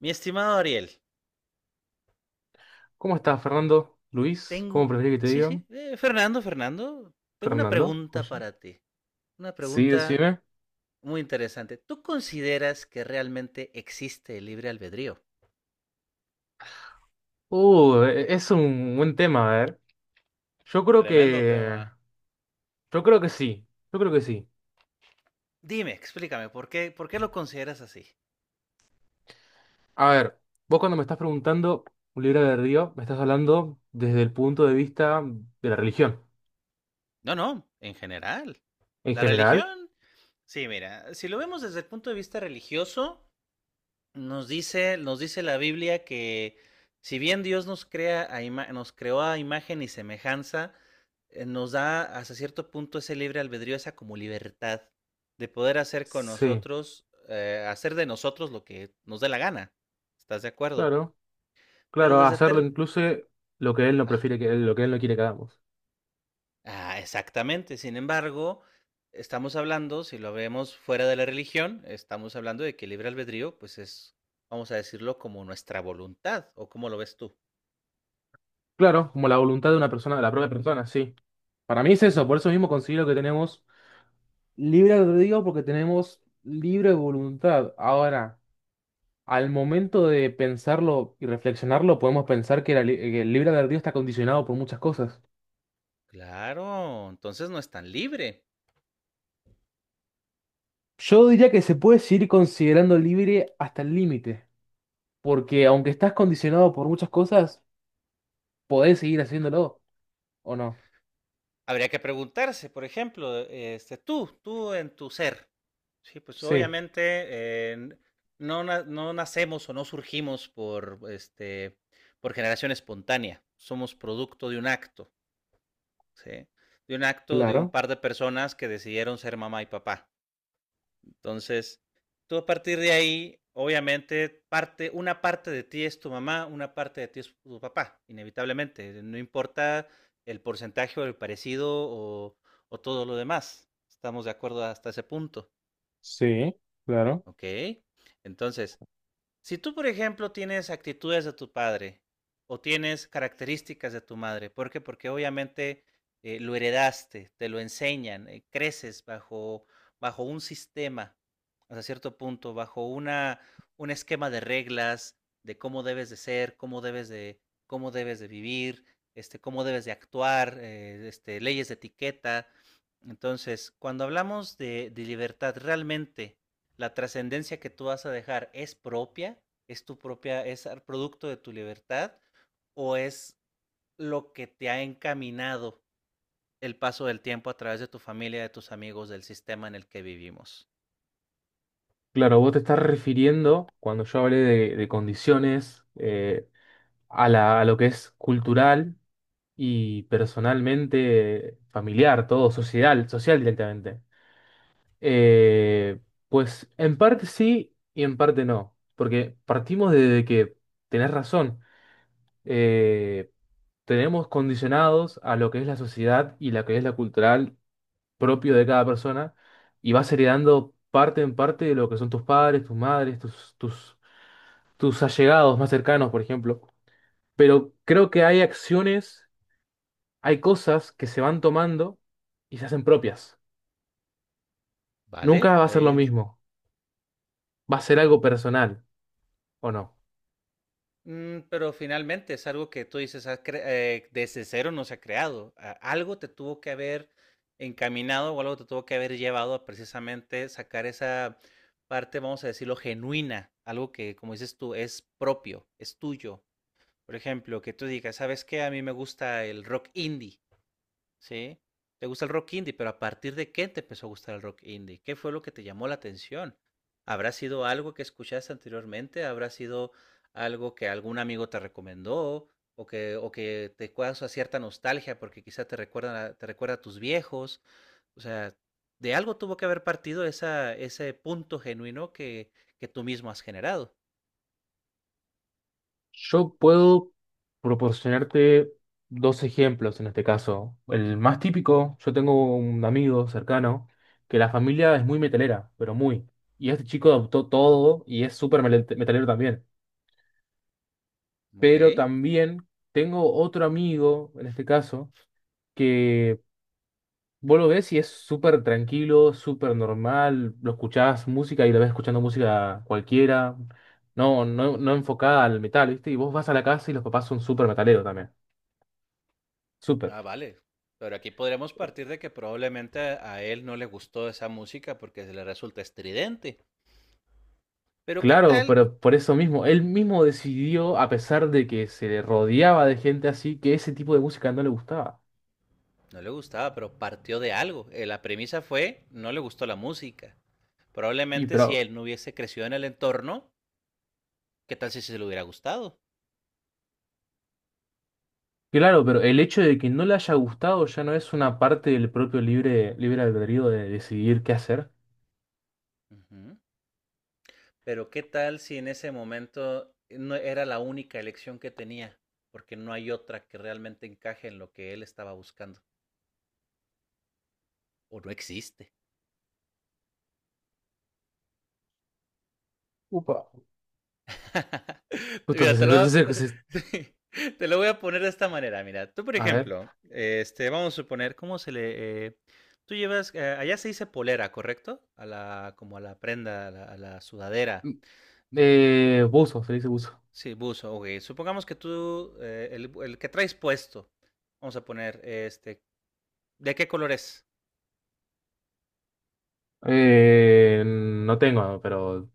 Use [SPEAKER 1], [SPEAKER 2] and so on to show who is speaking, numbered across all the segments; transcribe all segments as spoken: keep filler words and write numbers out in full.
[SPEAKER 1] Mi estimado Ariel,
[SPEAKER 2] ¿Cómo estás, Fernando? ¿Luis? ¿Cómo
[SPEAKER 1] tengo...
[SPEAKER 2] preferís que te
[SPEAKER 1] Sí, sí,
[SPEAKER 2] digan?
[SPEAKER 1] eh, Fernando, Fernando, tengo una
[SPEAKER 2] ¿Fernando?
[SPEAKER 1] pregunta
[SPEAKER 2] Oye.
[SPEAKER 1] para ti. Una
[SPEAKER 2] Sí,
[SPEAKER 1] pregunta
[SPEAKER 2] decime.
[SPEAKER 1] muy interesante. ¿Tú consideras que realmente existe el libre albedrío?
[SPEAKER 2] Uh, e- e, es un buen tema, a ver. Yo creo
[SPEAKER 1] Tremendo
[SPEAKER 2] que.
[SPEAKER 1] tema.
[SPEAKER 2] Yo creo que sí. Yo creo que sí.
[SPEAKER 1] Dime, explícame, ¿por qué, por qué lo consideras así?
[SPEAKER 2] A ver, vos cuando me estás preguntando un libro de Río, me estás hablando desde el punto de vista de la religión.
[SPEAKER 1] No, no, en general.
[SPEAKER 2] En
[SPEAKER 1] La
[SPEAKER 2] general.
[SPEAKER 1] religión. Sí, mira, si lo vemos desde el punto de vista religioso, Nos dice, nos dice la Biblia que, si bien Dios nos crea a ima- nos creó a imagen y semejanza, eh, nos da hasta cierto punto ese libre albedrío, esa como libertad de poder hacer con
[SPEAKER 2] Sí,
[SPEAKER 1] nosotros, eh, hacer de nosotros lo que nos dé la gana. ¿Estás de acuerdo?
[SPEAKER 2] claro.
[SPEAKER 1] Pero
[SPEAKER 2] Claro, a
[SPEAKER 1] desde
[SPEAKER 2] hacerlo
[SPEAKER 1] ter-
[SPEAKER 2] incluso lo que él no
[SPEAKER 1] ah,
[SPEAKER 2] prefiere que él, lo que él no quiere que hagamos.
[SPEAKER 1] ah, exactamente. Sin embargo, estamos hablando, si lo vemos fuera de la religión, estamos hablando de que el libre albedrío, pues es, vamos a decirlo, como nuestra voluntad, ¿o cómo lo ves tú?
[SPEAKER 2] Claro, como la voluntad de una persona, de la propia persona, sí. Para mí es eso, por eso
[SPEAKER 1] Ujú.
[SPEAKER 2] mismo considero que tenemos. Libre albedrío porque tenemos libre voluntad. Ahora, al momento de pensarlo y reflexionarlo, podemos pensar que, la li- que el libre albedrío está condicionado por muchas cosas.
[SPEAKER 1] Claro, entonces no es tan libre.
[SPEAKER 2] Yo diría que se puede seguir considerando libre hasta el límite, porque aunque estás condicionado por muchas cosas, podés seguir haciéndolo, ¿o no?
[SPEAKER 1] Habría que preguntarse, por ejemplo, e, este, tú, tú en tu ser. Sí, pues
[SPEAKER 2] Sí,
[SPEAKER 1] obviamente eh, n- no, na- no nacemos o no surgimos por, este, por generación espontánea. Somos producto de un acto, ¿sí? De un acto de un
[SPEAKER 2] claro,
[SPEAKER 1] par de personas que decidieron ser mamá y papá. Entonces, tú a partir de ahí, obviamente, parte, una parte de ti es tu mamá, una parte de ti es tu papá, inevitablemente. No importa el porcentaje o el parecido o, o todo lo demás. Estamos de acuerdo hasta ese punto.
[SPEAKER 2] sí, claro.
[SPEAKER 1] Ok. Entonces, si tú, por ejemplo, tienes actitudes de tu padre o tienes características de tu madre, ¿por qué? Porque obviamente eh, lo heredaste, te lo enseñan, eh, creces bajo, bajo un sistema, hasta cierto punto, bajo una, un esquema de reglas, de cómo debes de ser, cómo debes de, cómo debes de vivir, este, cómo debes de actuar, eh, este, leyes de etiqueta. Entonces, cuando hablamos de, de libertad, realmente la trascendencia que tú vas a dejar es propia, es tu propia, es el producto de tu libertad o es lo que te ha encaminado el paso del tiempo a través de tu familia, de tus amigos, del sistema en el que vivimos.
[SPEAKER 2] Claro, vos te estás refiriendo, cuando yo hablé de, de condiciones, eh, a la- a lo que es cultural y personalmente familiar, todo, social, social directamente. Eh, pues en parte sí y en parte no, porque partimos de que tenés razón, eh, tenemos condicionados a lo que es la sociedad y lo que es la cultural propio de cada persona y vas heredando parte en parte de lo que son tus padres, tus madres, tus, tus, tus allegados más cercanos, por ejemplo. Pero creo que hay acciones hay cosas que se van tomando y se hacen propias. Nunca
[SPEAKER 1] ¿Vale?
[SPEAKER 2] va a ser lo
[SPEAKER 1] Ahí.
[SPEAKER 2] mismo. Va a ser algo personal, ¿o no?
[SPEAKER 1] Mm, pero finalmente es algo que tú dices, "Ah, cre- eh, desde cero no se ha creado. A- Algo te tuvo que haber encaminado o algo te tuvo que haber llevado a precisamente sacar esa parte, vamos a decirlo, genuina, algo que, como dices tú, es propio, es tuyo. Por ejemplo, que tú digas, ¿sabes qué? A mí me gusta el rock indie. Sí, te gusta el rock indie, pero ¿a partir de qué te empezó a gustar el rock indie? ¿Qué fue lo que te llamó la atención? ¿Habrá sido algo que escuchaste anteriormente? ¿Habrá sido algo que algún amigo te recomendó? ¿O que, o que te causa cierta nostalgia porque quizá te recuerda, a- te recuerda a tus viejos? O sea, de algo tuvo que haber partido esa, ese punto genuino que, que tú mismo has generado.
[SPEAKER 2] Yo puedo proporcionarte dos ejemplos en este caso. El más típico, yo tengo un amigo cercano que la familia es muy metalera, pero muy. Y este chico adoptó todo y es súper melet- metalero también.
[SPEAKER 1] Ok.
[SPEAKER 2] Pero también tengo otro amigo, en este caso, que vos lo ves y es súper tranquilo, súper normal, lo escuchás música y la ves escuchando música cualquiera, no, no, no enfocada al metal, ¿viste? Y vos vas a la casa y los papás son súper metaleros también, súper.
[SPEAKER 1] Ah, vale. Pero aquí podríamos partir de que probablemente a él no le gustó esa música porque se le resulta estridente. Pero ¿qué
[SPEAKER 2] Claro,
[SPEAKER 1] tal?
[SPEAKER 2] pero por eso mismo, él mismo decidió, a pesar de que se le rodeaba de gente así, que ese tipo de música no le gustaba.
[SPEAKER 1] No le gustaba, pero partió de algo. Eh, La premisa fue, no le gustó la música.
[SPEAKER 2] Y
[SPEAKER 1] Probablemente si
[SPEAKER 2] pero,
[SPEAKER 1] él no hubiese crecido en el entorno, ¿qué tal si se le hubiera gustado?
[SPEAKER 2] claro, pero el hecho de que no le haya gustado ya no es una parte del propio libre, libre albedrío de decidir qué hacer.
[SPEAKER 1] Ujú. Pero ¿qué tal si en ese momento no era la única elección que tenía? Porque no hay otra que realmente encaje en lo que él estaba buscando. O no existe.
[SPEAKER 2] Upa. Justo
[SPEAKER 1] Mira, te
[SPEAKER 2] se- se-
[SPEAKER 1] lo, te,
[SPEAKER 2] se- se-
[SPEAKER 1] te lo voy a poner de esta manera. Mira, tú, por
[SPEAKER 2] a ver.
[SPEAKER 1] ejemplo, este, vamos a suponer, ¿cómo se le...? eh, tú llevas, eh, allá se dice polera, ¿correcto? A la, como a la prenda, a la, a la sudadera.
[SPEAKER 2] Eh, buzo, se le dice buzo.
[SPEAKER 1] Sí, buzo, ok. Supongamos que tú, eh, el, el que traes puesto, vamos a poner, este, ¿de qué color es?
[SPEAKER 2] Eh, no tengo, pero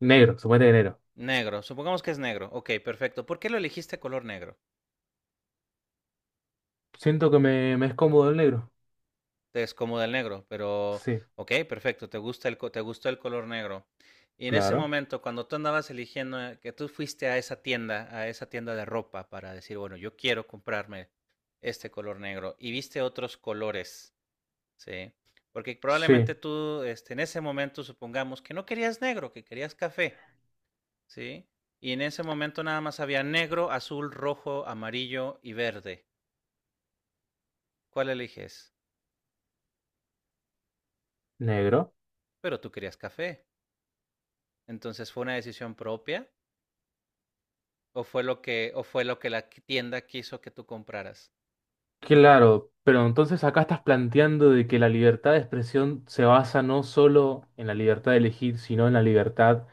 [SPEAKER 2] negro, suponete de negro.
[SPEAKER 1] Negro. Supongamos que es negro. Ok, perfecto. ¿Por qué lo elegiste color negro?
[SPEAKER 2] Siento que me, me es cómodo el negro.
[SPEAKER 1] Es como el negro, pero
[SPEAKER 2] Sí,
[SPEAKER 1] ok, perfecto, te gusta el, co- te gustó el color negro. Y en ese
[SPEAKER 2] claro.
[SPEAKER 1] momento, cuando tú andabas eligiendo, eh, que tú fuiste a esa tienda, a esa tienda de ropa para decir, bueno, yo quiero comprarme este color negro y viste otros colores, ¿sí? Porque
[SPEAKER 2] Sí,
[SPEAKER 1] probablemente tú, este, en ese momento, supongamos que no querías negro, que querías café, ¿sí? Y en ese momento nada más había negro, azul, rojo, amarillo y verde. ¿Cuál eliges?
[SPEAKER 2] negro.
[SPEAKER 1] Pero tú querías café. ¿Entonces fue una decisión propia o fue lo que, o fue lo que la tienda quiso que tú compraras?
[SPEAKER 2] Claro, pero entonces acá estás planteando de que la libertad de expresión se basa no solo en la libertad de elegir, sino en la libertad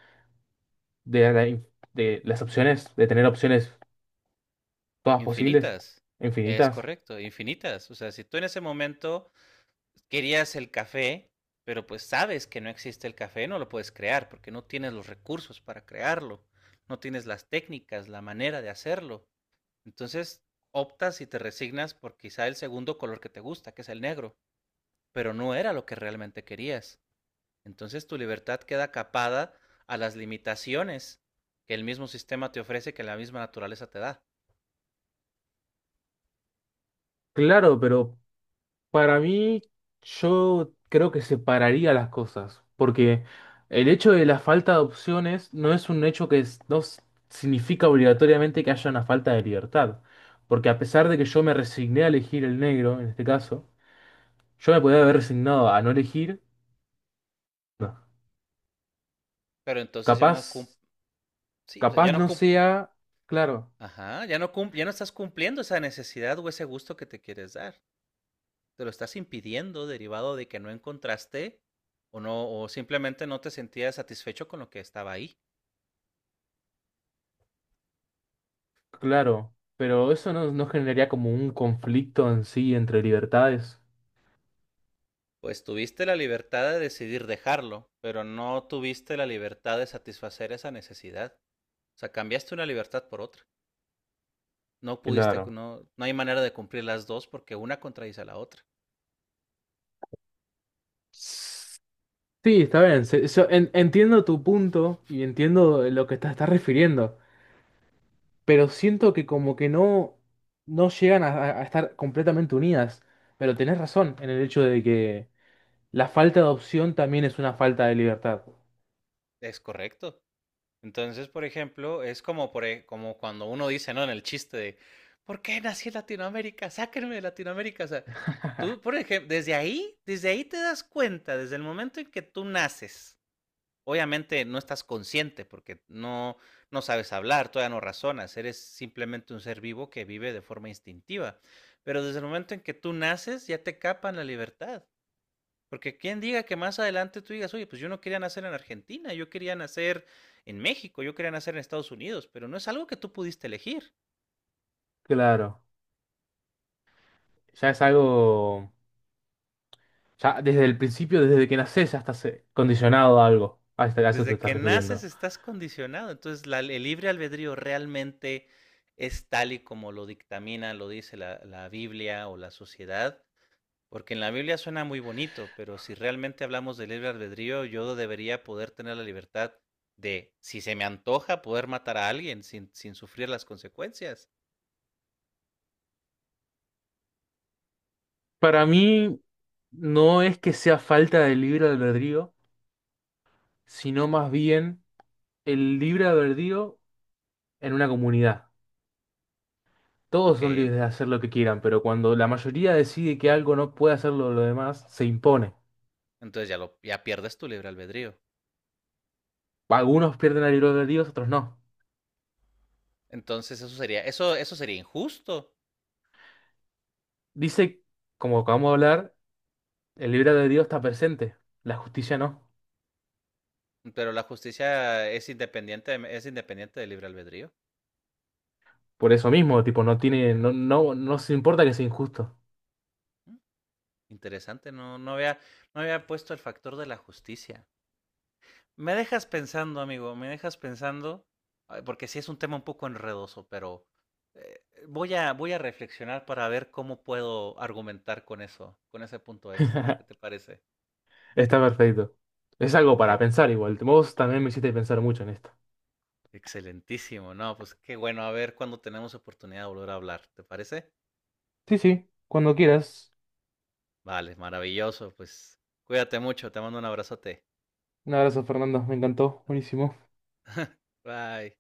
[SPEAKER 2] de, la in- de las opciones, de tener opciones todas posibles,
[SPEAKER 1] Infinitas. Es
[SPEAKER 2] infinitas.
[SPEAKER 1] correcto, infinitas. O sea, si tú en ese momento querías el café, pero pues sabes que no existe el café, no lo puedes crear porque no tienes los recursos para crearlo, no tienes las técnicas, la manera de hacerlo. Entonces optas y te resignas por quizá el segundo color que te gusta, que es el negro, pero no era lo que realmente querías. Entonces tu libertad queda capada a las limitaciones que el mismo sistema te ofrece, que la misma naturaleza te da.
[SPEAKER 2] Claro, pero para mí, yo creo que separaría las cosas, porque el hecho de la falta de opciones no es un hecho que es- no s- significa obligatoriamente que haya una falta de libertad, porque a pesar de que yo me resigné a elegir el negro, en este caso, yo me podía haber resignado a no elegir, no.
[SPEAKER 1] Pero entonces ya no cum,
[SPEAKER 2] Capaz,
[SPEAKER 1] sí, o sea,
[SPEAKER 2] capaz
[SPEAKER 1] ya no
[SPEAKER 2] no
[SPEAKER 1] cum.
[SPEAKER 2] sea, claro,
[SPEAKER 1] Ajá, ya no cum, ya no estás cumpliendo esa necesidad o ese gusto que te quieres dar. Te lo estás impidiendo derivado de que no encontraste o no, o simplemente no te sentías satisfecho con lo que estaba ahí.
[SPEAKER 2] claro, pero eso no, no generaría como un conflicto en sí entre libertades,
[SPEAKER 1] Pues tuviste la libertad de decidir dejarlo, pero no tuviste la libertad de satisfacer esa necesidad. O sea, cambiaste una libertad por otra. No pudiste,
[SPEAKER 2] claro.
[SPEAKER 1] no, no hay manera de cumplir las dos porque una contradice a la otra.
[SPEAKER 2] Sí, está bien. Se- so- en- entiendo tu punto y entiendo lo que te estás refiriendo, pero siento que como que no, no llegan a, a estar completamente unidas. Pero tenés razón en el hecho de que la falta de opción también es una falta de libertad.
[SPEAKER 1] Es correcto. Entonces, por ejemplo, es como, por, e- como cuando uno dice, ¿no? En el chiste de, ¿por qué nací en Latinoamérica? Sáquenme de Latinoamérica. O sea, tú, por ejemplo, desde ahí, desde ahí te das cuenta, desde el momento en que tú naces. Obviamente no estás consciente porque no, no sabes hablar, todavía no razonas, eres simplemente un ser vivo que vive de forma instintiva. Pero desde el momento en que tú naces, ya te capan la libertad. Porque quién diga que más adelante tú digas, oye, pues yo no quería nacer en Argentina, yo quería nacer en México, yo quería nacer en Estados Unidos, pero no es algo que tú pudiste elegir.
[SPEAKER 2] Claro. Ya es algo, ya desde el principio, desde que nacés, ya estás eh, condicionado a algo. A este- a eso te
[SPEAKER 1] Desde
[SPEAKER 2] estás
[SPEAKER 1] que naces
[SPEAKER 2] refiriendo.
[SPEAKER 1] estás condicionado. Entonces, la- el libre albedrío realmente es tal y como lo dictamina, lo dice la, la Biblia o la sociedad. Porque en la Biblia suena muy bonito, pero si realmente hablamos del libre albedrío, yo debería poder tener la libertad de, si se me antoja, poder matar a alguien sin, sin sufrir las consecuencias.
[SPEAKER 2] Para mí no es que sea falta de libre albedrío, sino más bien el libre albedrío en una comunidad. Todos
[SPEAKER 1] Ok.
[SPEAKER 2] son libres de hacer lo que quieran, pero cuando la mayoría decide que algo no puede hacerlo lo demás, se impone.
[SPEAKER 1] Entonces ya lo, ya pierdes tu libre albedrío.
[SPEAKER 2] Algunos pierden el libre albedrío, otros no.
[SPEAKER 1] Entonces eso sería, eso, eso sería injusto.
[SPEAKER 2] Dice, como acabamos de hablar, el libre albedrío está presente, la justicia no.
[SPEAKER 1] Pero la justicia es independiente, es independiente del libre albedrío.
[SPEAKER 2] Por eso mismo, tipo, no tiene, no, no, no se importa que sea injusto.
[SPEAKER 1] ¿Mm? Interesante, no, no había, no había puesto el factor de la justicia. Me dejas pensando, amigo, me dejas pensando, porque sí es un tema un poco enredoso, pero eh, voy a, voy a reflexionar para ver cómo puedo argumentar con eso, con ese punto extra. ¿Qué te parece?
[SPEAKER 2] Está perfecto. Es algo para pensar igual. Vos también me hiciste pensar mucho en esto.
[SPEAKER 1] Excelentísimo, no, pues qué bueno, a ver cuando tenemos oportunidad de volver a hablar, ¿te parece?
[SPEAKER 2] Sí, sí, cuando quieras.
[SPEAKER 1] Vale, maravilloso, pues cuídate mucho, te mando un abrazote.
[SPEAKER 2] Un abrazo, Fernando. Me encantó. Buenísimo.
[SPEAKER 1] Bye.